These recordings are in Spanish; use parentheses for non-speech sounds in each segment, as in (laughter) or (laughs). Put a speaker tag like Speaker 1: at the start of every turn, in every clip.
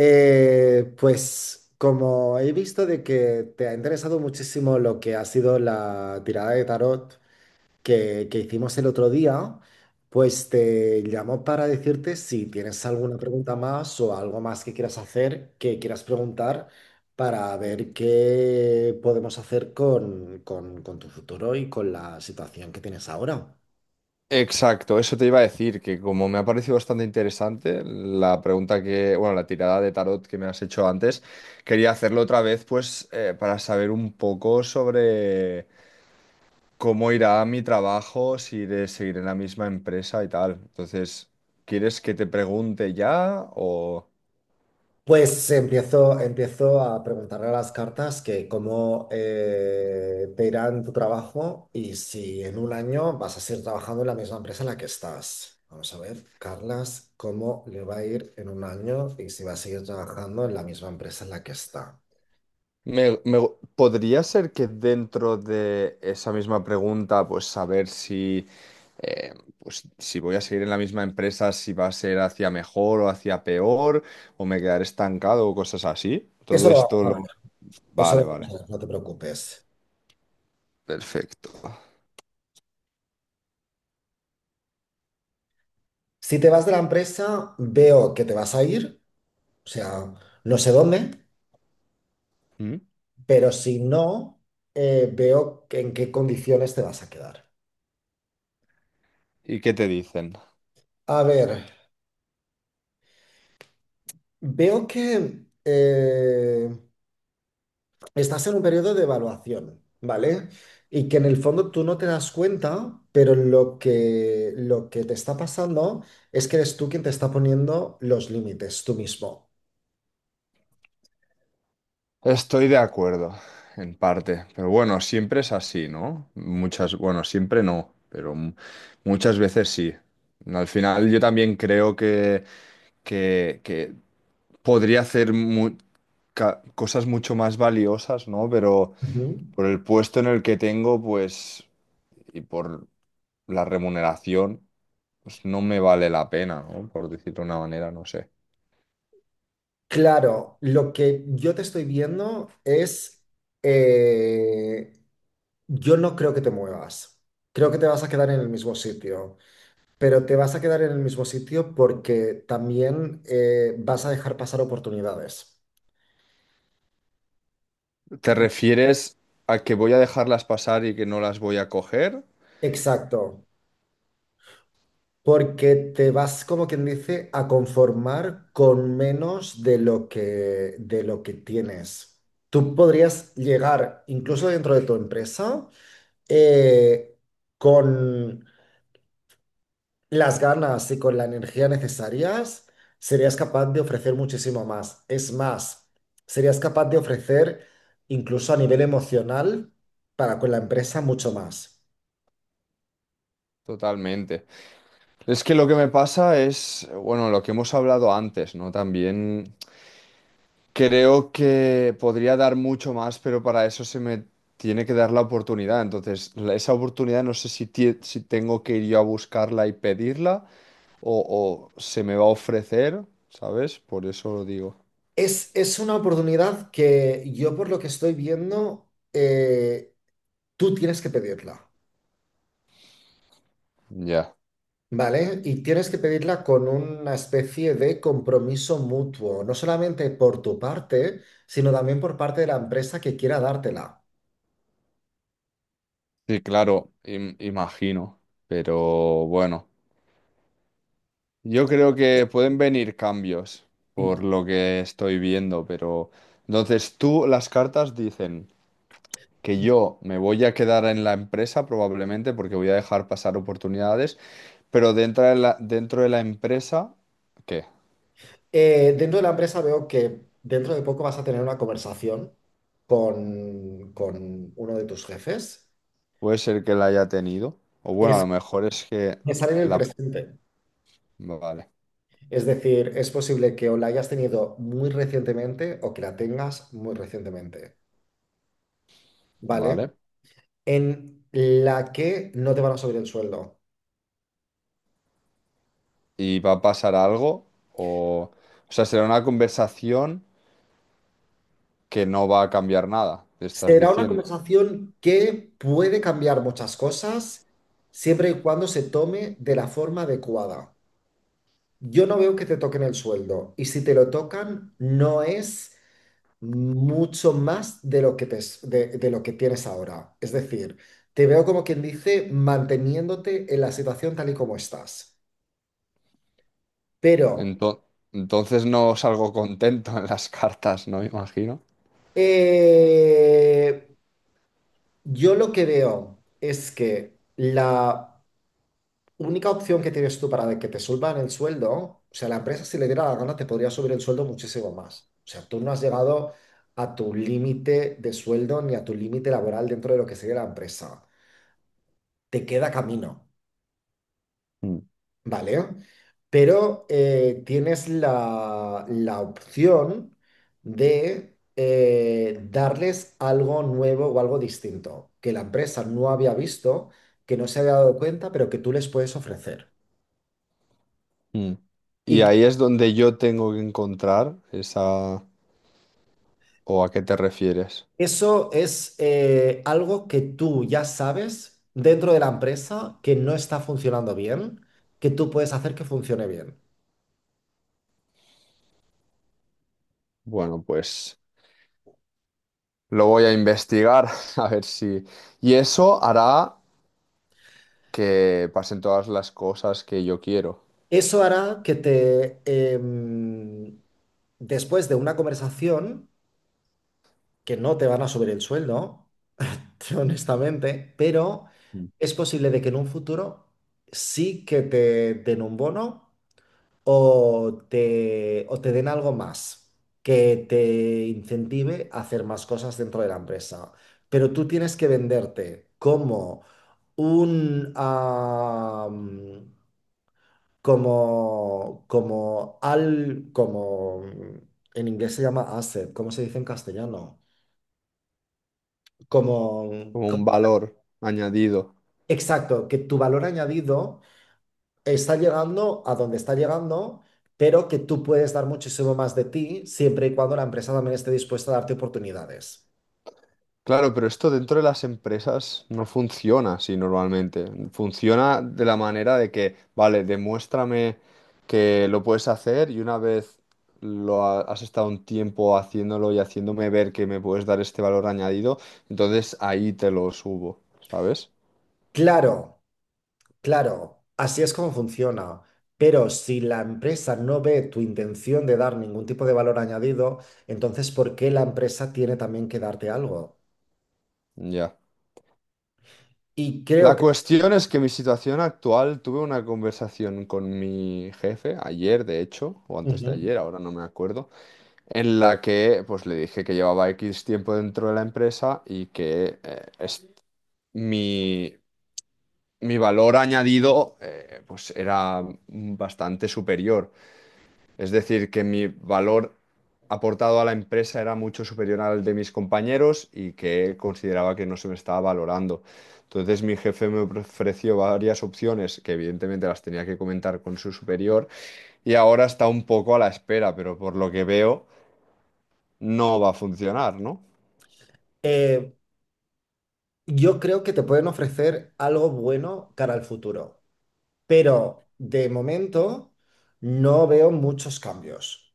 Speaker 1: Pues como he visto de que te ha interesado muchísimo lo que ha sido la tirada de tarot que hicimos el otro día, pues te llamo para decirte si tienes alguna pregunta más o algo más que quieras hacer, que quieras preguntar, para ver qué podemos hacer con tu futuro y con la situación que tienes ahora.
Speaker 2: Exacto, eso te iba a decir, que como me ha parecido bastante interesante la pregunta que, bueno, la tirada de tarot que me has hecho antes, quería hacerlo otra vez, pues, para saber un poco sobre cómo irá mi trabajo, si iré seguir en la misma empresa y tal. Entonces, ¿quieres que te pregunte ya o...?
Speaker 1: Pues empiezo a preguntarle a las cartas que cómo te irá en tu trabajo y si en un año vas a seguir trabajando en la misma empresa en la que estás. Vamos a ver, Carlas, cómo le va a ir en un año y si va a seguir trabajando en la misma empresa en la que está.
Speaker 2: Me, me- Podría ser que dentro de esa misma pregunta, pues saber si, eh, pues, si voy a seguir en la misma empresa, si va a ser hacia mejor o hacia peor, o me quedaré estancado o cosas así.
Speaker 1: Eso
Speaker 2: Todo
Speaker 1: lo vamos
Speaker 2: esto
Speaker 1: a ver,
Speaker 2: lo...
Speaker 1: eso
Speaker 2: Vale,
Speaker 1: lo
Speaker 2: vale.
Speaker 1: vamos a ver, no te preocupes.
Speaker 2: Perfecto.
Speaker 1: Si te vas de la empresa, veo que te vas a ir, o sea, no sé dónde,
Speaker 2: ¿Mm?
Speaker 1: pero si no, en qué condiciones te vas a quedar.
Speaker 2: ¿Y qué te dicen?
Speaker 1: A ver, veo que estás en un periodo de evaluación, ¿vale? Y que en el fondo tú no te das cuenta, pero lo que te está pasando es que eres tú quien te está poniendo los límites, tú mismo.
Speaker 2: Estoy de acuerdo, en parte, pero bueno, siempre es así, ¿no? Muchas, bueno, siempre no, pero muchas veces sí. Al final yo también creo que podría hacer cosas mucho más valiosas, ¿no? Pero
Speaker 1: Ujú.
Speaker 2: por el puesto en el que tengo, pues, y por la remuneración, pues no me vale la pena, ¿no? Por decirlo de una manera, no sé.
Speaker 1: Claro, lo que yo te estoy viendo es, eh, yo no creo que te muevas, creo que te vas a quedar en el mismo sitio. Pero te vas a quedar en el mismo sitio porque también vas a dejar pasar oportunidades.
Speaker 2: ¿Te
Speaker 1: Y-
Speaker 2: refieres a que voy a dejarlas pasar y que no las voy a coger?
Speaker 1: Exacto, porque te vas, como quien dice, a conformar con menos de lo que tienes. Tú podrías llegar, incluso dentro de tu empresa, eh, con las ganas y con la energía necesarias, serías capaz de ofrecer muchísimo más. Es más, serías capaz de ofrecer incluso a nivel emocional para con la empresa mucho más.
Speaker 2: Totalmente. Es que lo que me pasa es, bueno, lo que hemos hablado antes, ¿no? También creo que podría dar mucho más, pero para eso se me tiene que dar la oportunidad. Entonces, esa oportunidad no sé si, si tengo que ir yo a buscarla y pedirla o se me va a ofrecer, ¿sabes? Por eso lo digo.
Speaker 1: Es una oportunidad que yo por lo que estoy viendo, tú tienes que pedirla,
Speaker 2: Ya.
Speaker 1: ¿vale? Y tienes que pedirla con una especie de compromiso mutuo, no solamente por tu parte, sino también por parte de la empresa que quiera dártela.
Speaker 2: Sí, claro, imagino. Pero bueno. Yo creo que pueden venir cambios por lo que estoy viendo, pero entonces tú las cartas dicen que yo me voy a quedar en la empresa probablemente porque voy a dejar pasar oportunidades, pero dentro de la empresa, ¿qué?
Speaker 1: Dentro de la empresa veo que dentro de poco vas a tener una conversación con uno de tus jefes.
Speaker 2: Puede ser que la haya tenido, o bueno, a
Speaker 1: Es
Speaker 2: lo mejor es que
Speaker 1: pensar en el
Speaker 2: la...
Speaker 1: presente.
Speaker 2: Vale,
Speaker 1: Es decir, es posible que o la hayas tenido muy recientemente o que la tengas muy recientemente,
Speaker 2: vale.
Speaker 1: ¿vale? En la que no te van a subir el sueldo.
Speaker 2: ¿Y va a pasar algo? O, o sea, será una conversación que no va a cambiar nada, te estás
Speaker 1: Será una
Speaker 2: diciendo.
Speaker 1: conversación que puede cambiar muchas cosas siempre y cuando se tome de la forma adecuada. Yo no veo que te toquen el sueldo y si te lo tocan no es mucho más de lo que te, s- de lo que tienes ahora. Es decir, te veo como quien dice manteniéndote en la situación tal y como estás. Pero
Speaker 2: Ento- entonces no salgo contento en las cartas, ¿no? Me imagino.
Speaker 1: eh, yo lo que veo es que la única opción que tienes tú para de que te suban el sueldo, o sea, la empresa si le diera la gana te podría subir el sueldo muchísimo más. O sea, tú no has llegado a tu límite de sueldo ni a tu límite laboral dentro de lo que sería la empresa. Te queda camino,
Speaker 2: Mm.
Speaker 1: ¿vale? Pero tienes la opción de darles algo nuevo o algo distinto que la empresa no había visto, que no se había dado cuenta, pero que tú les puedes ofrecer
Speaker 2: Mm. Y
Speaker 1: y
Speaker 2: ahí es donde yo tengo que encontrar esa... ¿O a qué te refieres?
Speaker 1: eso es algo que tú ya sabes dentro de la empresa que no está funcionando bien, que tú puedes hacer que funcione bien.
Speaker 2: Bueno, pues lo voy a investigar (laughs) a ver si... Y eso hará que pasen todas las cosas que yo quiero.
Speaker 1: Eso hará que después de una conversación, que no te van a subir el sueldo, (laughs) honestamente, pero
Speaker 2: Mm.
Speaker 1: es posible de que en un futuro sí que te den un bono o te den algo más que te incentive a hacer más cosas dentro de la empresa. Pero tú tienes que venderte como un, ah, como, como al, como, en inglés se llama asset, ¿cómo se dice en castellano? Como,
Speaker 2: Como
Speaker 1: co-
Speaker 2: un valor añadido.
Speaker 1: exacto, que tu valor añadido está llegando a donde está llegando, pero que tú puedes dar muchísimo más de ti siempre y cuando la empresa también esté dispuesta a darte oportunidades.
Speaker 2: Claro, pero esto dentro de las empresas no funciona así normalmente. Funciona de la manera de que, vale, demuéstrame que lo puedes hacer y una vez has estado un tiempo haciéndolo y haciéndome ver que me puedes dar este valor añadido, entonces ahí te lo subo, ¿sabes?
Speaker 1: Claro, claro, así es como funciona. Pero si la empresa no ve tu intención de dar ningún tipo de valor añadido, entonces ¿por qué la empresa tiene también que darte algo?
Speaker 2: Ya.
Speaker 1: Y creo
Speaker 2: La
Speaker 1: que
Speaker 2: cuestión es que mi situación actual, tuve una conversación con mi jefe ayer, de hecho, o antes de
Speaker 1: ujú.
Speaker 2: ayer, ahora no me acuerdo. En la que pues le dije que llevaba X tiempo dentro de la empresa y que mi, mi valor añadido pues era bastante superior. Es decir, que mi valor aportado a la empresa era mucho superior al de mis compañeros y que consideraba que no se me estaba valorando. Entonces mi jefe me ofreció varias opciones que evidentemente las tenía que comentar con su superior y ahora está un poco a la espera, pero por lo que veo no va a funcionar, ¿no?
Speaker 1: eh, yo creo que te pueden ofrecer algo bueno cara al futuro, pero de momento no veo muchos cambios.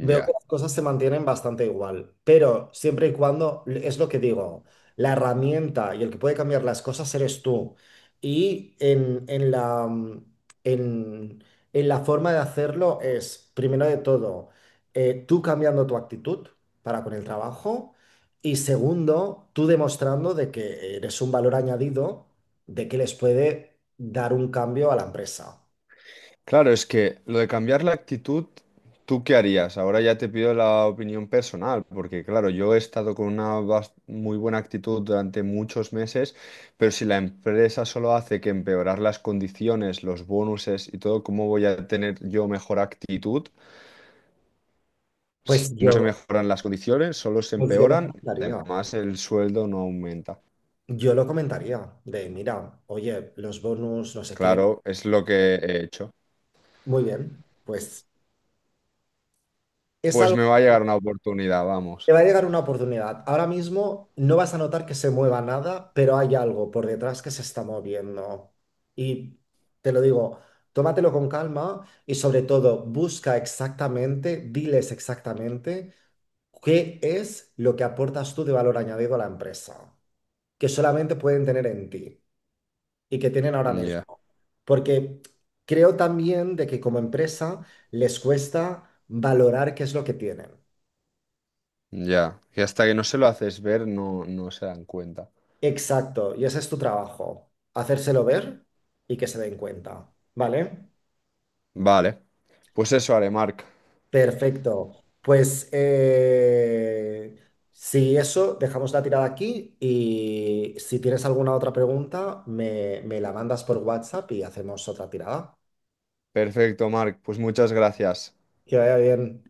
Speaker 1: Veo que las cosas se mantienen bastante igual, pero siempre y cuando, es lo que digo, la herramienta y el que puede cambiar las cosas eres tú. Y en, en la forma de hacerlo es, primero de todo, tú cambiando tu actitud para con el trabajo y segundo, tú demostrando de que eres un valor añadido, de que les puede dar un cambio a la empresa.
Speaker 2: Claro, es que lo de cambiar la actitud, ¿tú qué harías? Ahora ya te pido la opinión personal, porque claro, yo he estado con una muy buena actitud durante muchos meses, pero si la empresa solo hace que empeorar las condiciones, los bonuses y todo, ¿cómo voy a tener yo mejor actitud? Si
Speaker 1: Pues
Speaker 2: no se
Speaker 1: yo,
Speaker 2: mejoran las condiciones, solo se
Speaker 1: pues yo lo
Speaker 2: empeoran,
Speaker 1: cambiaría.
Speaker 2: además el sueldo no aumenta.
Speaker 1: Yo lo comentaría de, mira, oye, los bonus, no sé qué,
Speaker 2: Claro, es lo que he hecho.
Speaker 1: muy bien, pues es
Speaker 2: Pues
Speaker 1: algo
Speaker 2: me va a llegar
Speaker 1: que
Speaker 2: una oportunidad,
Speaker 1: te
Speaker 2: vamos.
Speaker 1: va a llegar una oportunidad. Ahora mismo no vas a notar que se mueva nada, pero hay algo por detrás que se está moviendo. Y te lo digo, tómatelo con calma y sobre todo busca exactamente, diles exactamente qué es lo que aportas tú de valor añadido a la empresa, que solamente pueden tener en ti. Y que tienen ahora
Speaker 2: Ya.
Speaker 1: mismo. Porque creo también de que como empresa les cuesta valorar qué es lo que tienen.
Speaker 2: Ya, que hasta que no se lo haces ver no, no se dan cuenta.
Speaker 1: Exacto, y ese es tu trabajo, hacérselo ver y que se den cuenta, ¿vale?
Speaker 2: Vale, pues eso haré, Marc.
Speaker 1: Perfecto. Pues si eso, dejamos la tirada aquí y si tienes alguna otra pregunta, me la mandas por WhatsApp y hacemos otra tirada.
Speaker 2: Perfecto, Marc. Pues muchas gracias.
Speaker 1: Que vaya bien.